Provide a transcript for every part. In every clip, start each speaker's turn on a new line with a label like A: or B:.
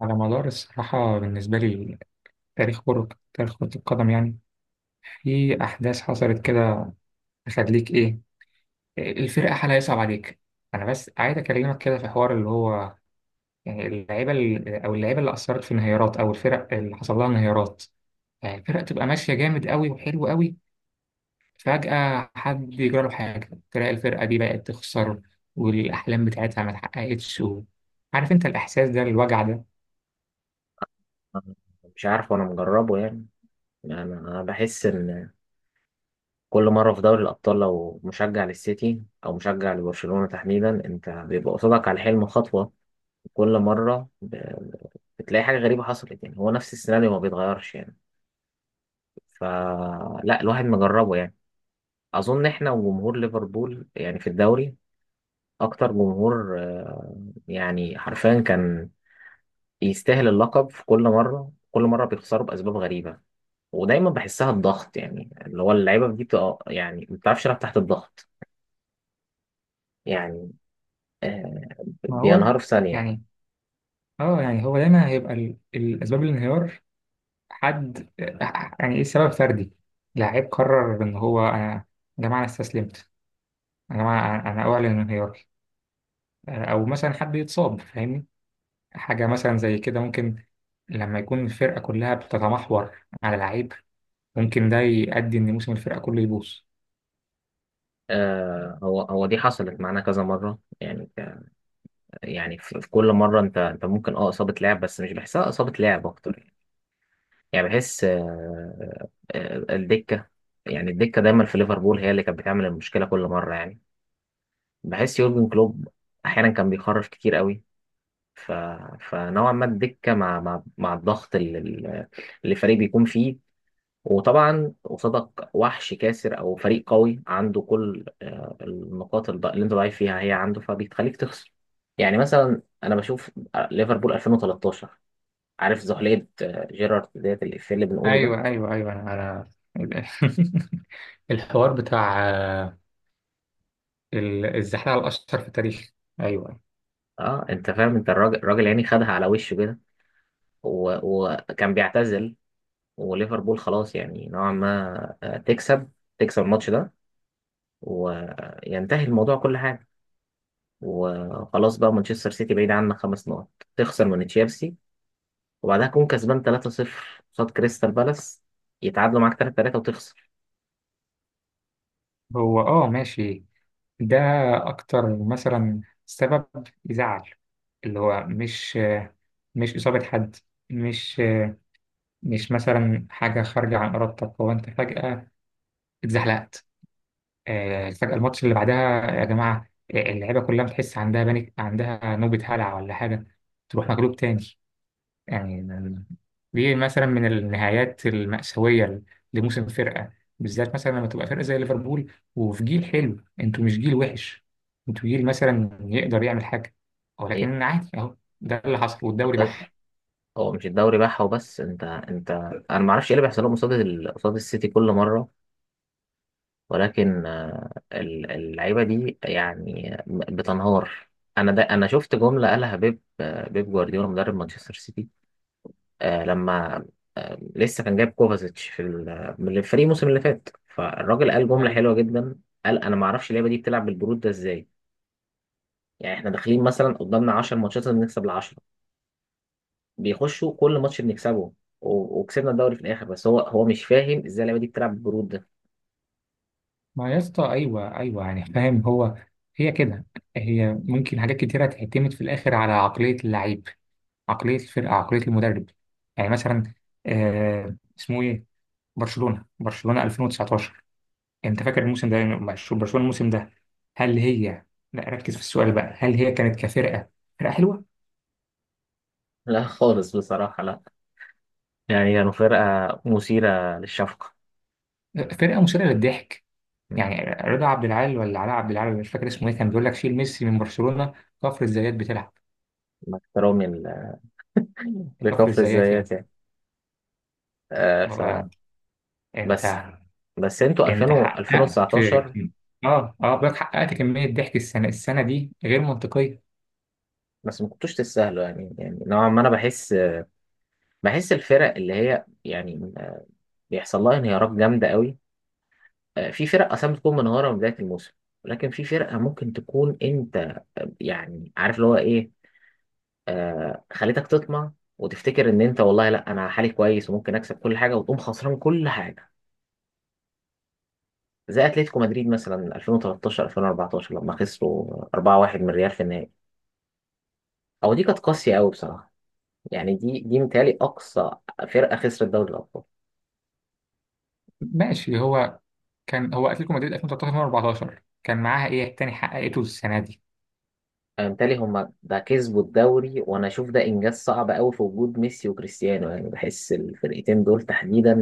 A: على مدار الصراحة بالنسبة لي، تاريخ كرة تاريخ كرة القدم، يعني في أحداث حصلت كده، تخليك إيه، الفرقة حالها يصعب عليك. أنا بس عايز أكلمك كده في حوار اللي هو يعني اللعيبة ال- أو اللعيبة اللي أثرت في انهيارات، أو الفرق اللي حصل لها انهيارات. يعني الفرقة تبقى ماشية جامد قوي وحلو قوي، فجأة حد يجرى له حاجة، تلاقي الفرقة دي بقت تخسر والأحلام بتاعتها ما اتحققتش عارف أنت الإحساس ده، الوجع ده.
B: مش عارف، وانا مجربه يعني انا بحس ان كل مره في دوري الابطال، لو مشجع للسيتي او مشجع لبرشلونه تحديدا، انت بيبقى قصادك على الحلم خطوه. كل مره بتلاقي حاجه غريبه حصلت، يعني هو نفس السيناريو ما بيتغيرش يعني. فلا الواحد مجربه يعني. اظن احنا وجمهور ليفربول، يعني في الدوري، اكتر جمهور، يعني حرفيا كان يستاهل اللقب. في كل مره كل مره بيخسروا باسباب غريبه، ودايما بحسها الضغط، يعني اللي هو اللعيبه دي بتبقى يعني ما بتعرفش تلعب تحت الضغط. يعني آه
A: ما هو
B: بينهاروا في ثانيه.
A: يعني اه يعني هو دايما هيبقى الاسباب الانهيار حد، يعني ايه؟ سبب فردي، لعيب قرر ان هو، انا يا جماعه انا استسلمت، يا جماعه انا اعلن انهياري، او مثلا حد يتصاب، فاهمني، حاجه مثلا زي كده ممكن. لما يكون الفرقه كلها بتتمحور على لعيب، ممكن ده يؤدي ان موسم الفرقه كله يبوظ.
B: هو دي حصلت معانا كذا مره، يعني يعني في كل مره انت ممكن اصابه لعب، بس مش بحسها اصابه لعب اكتر يعني، يعني بحس الدكه. يعني الدكه دايما في ليفربول هي اللي كانت بتعمل المشكله كل مره يعني. بحس يورجن كلوب احيانا كان بيخرف كتير قوي. ف... فنوعا ما الدكه مع الضغط اللي الفريق بيكون فيه، وطبعا قصادك وحش كاسر او فريق قوي عنده كل النقاط، اللي انت ضعيف فيها هي عنده، فبيخليك تخسر. يعني مثلا انا بشوف، ليفربول 2013، عارف زحلية، جيرارد، ديت الإفيه اللي بنقوله ده.
A: ايوه، انا الحوار بتاع الزحلقه الاشهر في التاريخ، ايوه.
B: اه انت فاهم، انت الراجل الراجل يعني خدها على وشه كده، وكان بيعتزل، وليفربول خلاص يعني نوعا ما، تكسب الماتش ده، وينتهي الموضوع كل حاجة، وخلاص بقى مانشستر سيتي بعيد عنك خمس نقط، تخسر من تشيلسي، وبعدها تكون كسبان 3-0 قصاد كريستال بالاس، يتعادلوا معاك 3-3 وتخسر.
A: هو اه ماشي، ده أكتر مثلا سبب يزعل، اللي هو مش، مش إصابة حد، مش، مش مثلا حاجة خارجة عن إرادتك. هو أنت فجأة اتزحلقت، فجأة الماتش اللي بعدها، يا جماعة، اللعيبة كلها بتحس عندها بانيك، عندها نوبة هلع ولا حاجة، تروح مغلوب تاني. يعني دي مثلا من النهايات المأساوية لموسم فرقة، بالذات مثلا لما تبقى فرقة زي ليفربول وفي جيل حلو. انتوا مش جيل وحش، انتوا جيل مثلا يقدر يعمل حاجة،
B: ايه،
A: ولكن عادي اهو ده اللي حصل والدوري بح.
B: هو مش الدوري بقى وبس. انت انا ما اعرفش ايه اللي بيحصل لهم قصاد قصاد السيتي كل مره، ولكن اللعيبه دي يعني بتنهار. انا ده، انا شفت جمله قالها بيب، بيب جوارديولا مدرب مانشستر سيتي، لما لسه كان جايب كوفازيتش في من الفريق الموسم اللي فات، فالراجل قال جمله
A: أيوة.
B: حلوه جدا، قال انا ما اعرفش اللعيبه دي بتلعب بالبرود ده ازاي. يعني احنا داخلين مثلا قدامنا 10 ماتشات، لازم نكسب العشرة، بيخشوا كل ماتش بنكسبه، وكسبنا الدوري في الاخر، بس هو مش فاهم ازاي اللعيبه دي بتلعب بالجرود ده.
A: ما يا اسطى ايوه، يعني فاهم، هو هي كده، هي ممكن حاجات كتيرة تعتمد في الآخر على عقلية اللعيب، عقلية الفرقة، عقلية المدرب. يعني مثلا، آه اسمه ايه، برشلونة 2019، انت فاكر الموسم ده مع برشلونة الموسم ده؟ هل هي، لا ركز في السؤال بقى، هل هي كانت كفرقة، فرقة حلوة؟
B: لا خالص بصراحه، لا. يعني كانوا فرقه مثيره للشفقه،
A: فرقة مثيرة للضحك يعني. رضا عبد العال ولا علاء عبد العال ولا مش فاكر اسمه ايه، كان بيقول لك شيل ميسي من برشلونة، كفر الزيات بتلعب،
B: مع احترامي
A: كفر
B: لكفر
A: الزيات يعني.
B: الزيات يعني. آه ف
A: ما- انت
B: بس انتوا 2000
A: انت
B: و
A: حققت،
B: 2019
A: اه بقولك حققت كمية ضحك السنة دي غير منطقية.
B: بس ما كنتوش تستاهلوا يعني. يعني نوعا ما انا بحس، الفرق اللي هي يعني بيحصل لها انهيارات جامده قوي. في فرق اصلا بتكون منهارة من بداية الموسم، ولكن في فرقة ممكن تكون انت، يعني عارف اللي هو ايه، خليتك تطمع وتفتكر ان انت والله لا، انا حالي كويس وممكن اكسب كل حاجة، وتقوم خسران كل حاجة. زي اتلتيكو مدريد مثلا 2013 2014 لما خسروا 4-1 من ريال في النهائي، او دي كانت قاسية قوي بصراحة. يعني دي متهيألي اقصى فرقة خسرت دوري الابطال.
A: ماشي، هو كان هو اتلتيكو مدريد 2013 2014، كان معاها ايه تاني حققته السنة دي؟
B: أنا متهيألي هما ده كسبوا الدوري، وانا اشوف ده انجاز صعب قوي في وجود ميسي وكريستيانو. يعني بحس الفرقتين دول تحديدا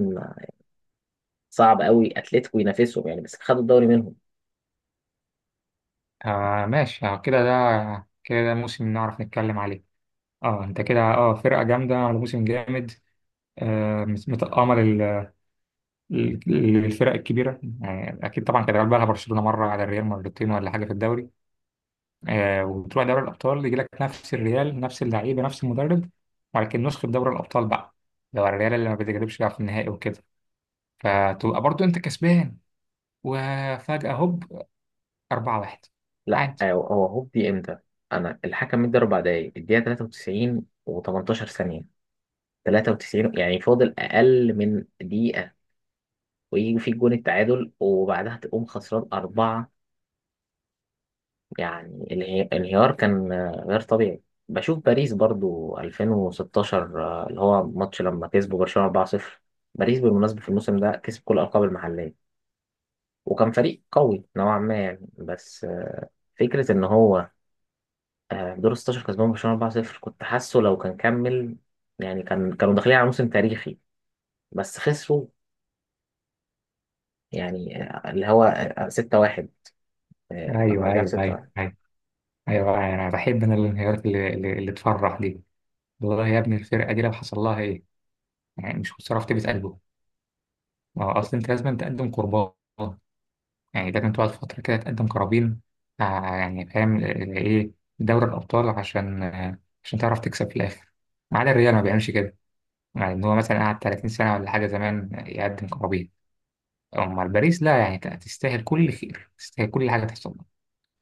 B: صعب قوي اتلتيكو ينافسهم يعني، بس خدوا الدوري منهم.
A: آه ماشي، آه كده ده كده ده موسم نعرف نتكلم عليه. اه انت كده، اه فرقة جامدة على موسم جامد. آه متأمل الفرق الكبيرة، يعني أكيد طبعا كان بقى لها برشلونة مرة على الريال، مرتين ولا حاجة في الدوري. آه وتروح دوري الأبطال، يجي لك نفس الريال، نفس اللعيبة، نفس المدرب، ولكن نسخة دوري الأبطال بقى، لو الريال اللي ما بتجربش بقى في النهائي وكده، فتبقى برضو أنت كسبان، وفجأة هوب، 4-1،
B: لا،
A: عادي.
B: هو هوبي امتى؟ انا الحكم مدى اربع دقايق، الدقيقه 93 و18 ثانيه. 93 يعني فاضل اقل من دقيقه، ويجي في جون التعادل، وبعدها تقوم خسران اربعه. يعني الانهيار كان، غير طبيعي. بشوف باريس برضو 2016، اللي هو ماتش لما كسبوا برشلونه 4-0. باريس بالمناسبه في الموسم ده كسب كل الالقاب المحليه، وكان فريق قوي نوعا ما يعني، بس فكره ان هو، دور 16 كسبان برشلونة 4-0، كنت حاسه لو كان كمل يعني كان كانوا داخلين على موسم تاريخي، بس خسروا يعني، اللي هو 6-1، لما
A: ايوه
B: رجع
A: ايوه ايوه
B: 6-1.
A: ايوه ايوه، انا بحب انا الانهيارات اللي تفرح دي. والله يا ابني الفرقه دي لو حصل لها ايه، يعني مش خساره في طيبه قلبه. ما هو اصل انت لازم تقدم قربان، يعني لازم تقعد فتره كده تقدم قرابين، آه، يعني فاهم، ايه، دوري الابطال، عشان عشان تعرف تكسب في الاخر. ما عدا الريال، ما بيعملش كده، يعني ان هو مثلا قعد 30 سنه ولا حاجه زمان يقدم قرابين. اما الباريس لا، يعني تستاهل كل خير، تستاهل كل حاجه تحصل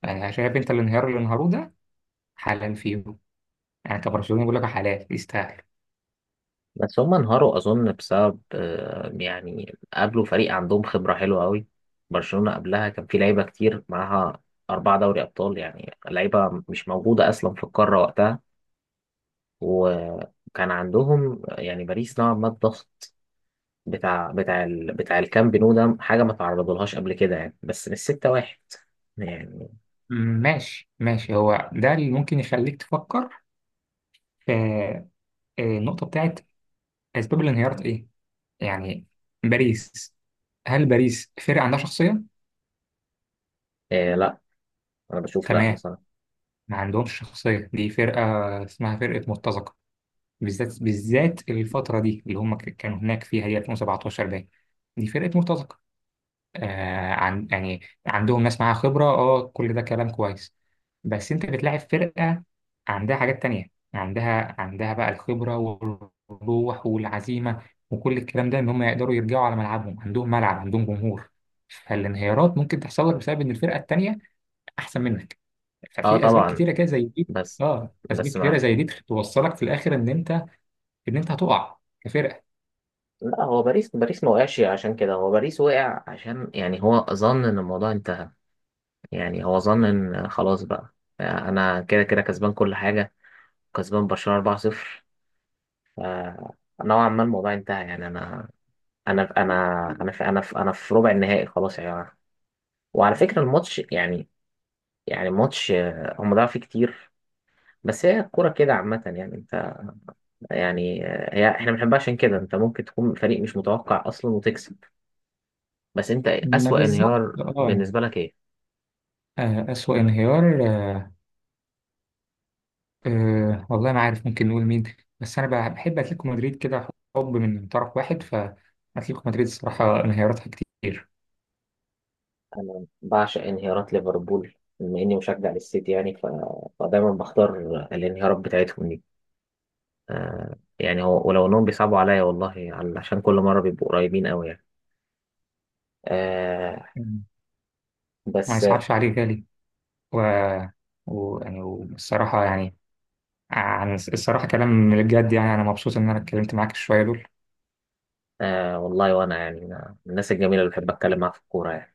A: لها. يعني شايف انت الانهيار اللي انهاروا ده؟ حلال فيه، يعني كبرشلوني بقول لك حلال، يستاهل.
B: بس هم انهاروا أظن بسبب، يعني قابلوا فريق عندهم خبرة حلوة قوي. برشلونة قبلها كان في لعيبة كتير معاها، أربعة دوري أبطال، يعني لعيبة مش موجودة أصلا في القارة وقتها، وكان عندهم يعني باريس نوعا ما الضغط بتاع بتاع الكامب نو، ده حاجه ما تعرضلهاش قبل كده يعني، بس مش ستة واحد يعني.
A: ماشي ماشي، هو ده اللي ممكن يخليك تفكر في النقطة بتاعت أسباب الانهيار إيه؟ يعني باريس، هل باريس فرقة عندها شخصية؟
B: إيه لا، انا بشوف لا
A: تمام،
B: بصراحه.
A: ما عندهمش شخصية. دي فرقة اسمها فرقة مرتزقة، بالذات الفترة دي اللي هم كانوا هناك فيها، هي 2017 باين، دي فرقة مرتزقة. آه عن يعني عندهم ناس معاها خبرة، اه كل ده كلام كويس، بس انت بتلاعب فرقة عندها حاجات تانية، عندها بقى الخبرة والروح والعزيمة، وكل الكلام ده، ان هم يقدروا يرجعوا على ملعبهم، عندهم ملعب، عندهم جمهور. فالانهيارات ممكن تحصل لك بسبب ان الفرقة التانية احسن منك،
B: اه
A: ففي اسباب
B: طبعا،
A: كتيرة كده زي دي.
B: بس
A: اه اسباب
B: مع،
A: كتيرة زي دي توصلك في الاخر ان انت، ان انت هتقع كفرقة.
B: لا. هو باريس ما وقعش عشان كده، هو باريس وقع عشان يعني هو ظن ان الموضوع انتهى، يعني هو ظن ان خلاص بقى انا كده كده كسبان كل حاجه، كسبان برشلونه 4-0، فنوعا ما الموضوع انتهى. يعني انا، أنا في ربع النهائي خلاص يا يعني جماعه. وعلى فكره الماتش يعني، يعني ماتش، هم ضاعوا فيه كتير، بس هي الكورة كده عامة يعني. انت يعني، هي احنا بنحبها عشان كده، انت ممكن تكون فريق مش متوقع اصلا وتكسب. بس انت
A: ما
B: اسوأ
A: بالظبط،
B: انهيار
A: اه
B: بالنسبة لك ايه؟
A: أسوأ انهيار، أه والله ما عارف ممكن نقول مين، بس انا بحب اتلتيكو مدريد كده، حب من طرف واحد، فاتلتيكو مدريد الصراحه انهياراتها كتير.
B: انا بعشق انهيارات ليفربول، بما اني مشجع للسيتي يعني. فدايما بختار الانهيارات بتاعتهم دي. آه يعني هو، ولو انهم بيصعبوا عليا والله، عشان كل مرة بيبقوا قريبين قوي يعني. آه،
A: مم. ما
B: بس،
A: يصعبش عليه غالي. و... يعني والصراحه يعني، عن الصراحه كلام من الجد، يعني انا مبسوط ان انا اتكلمت معاك شويه دول
B: آه والله، وانا يعني أنا من الناس الجميلة اللي بحب اتكلم معاها في الكورة يعني.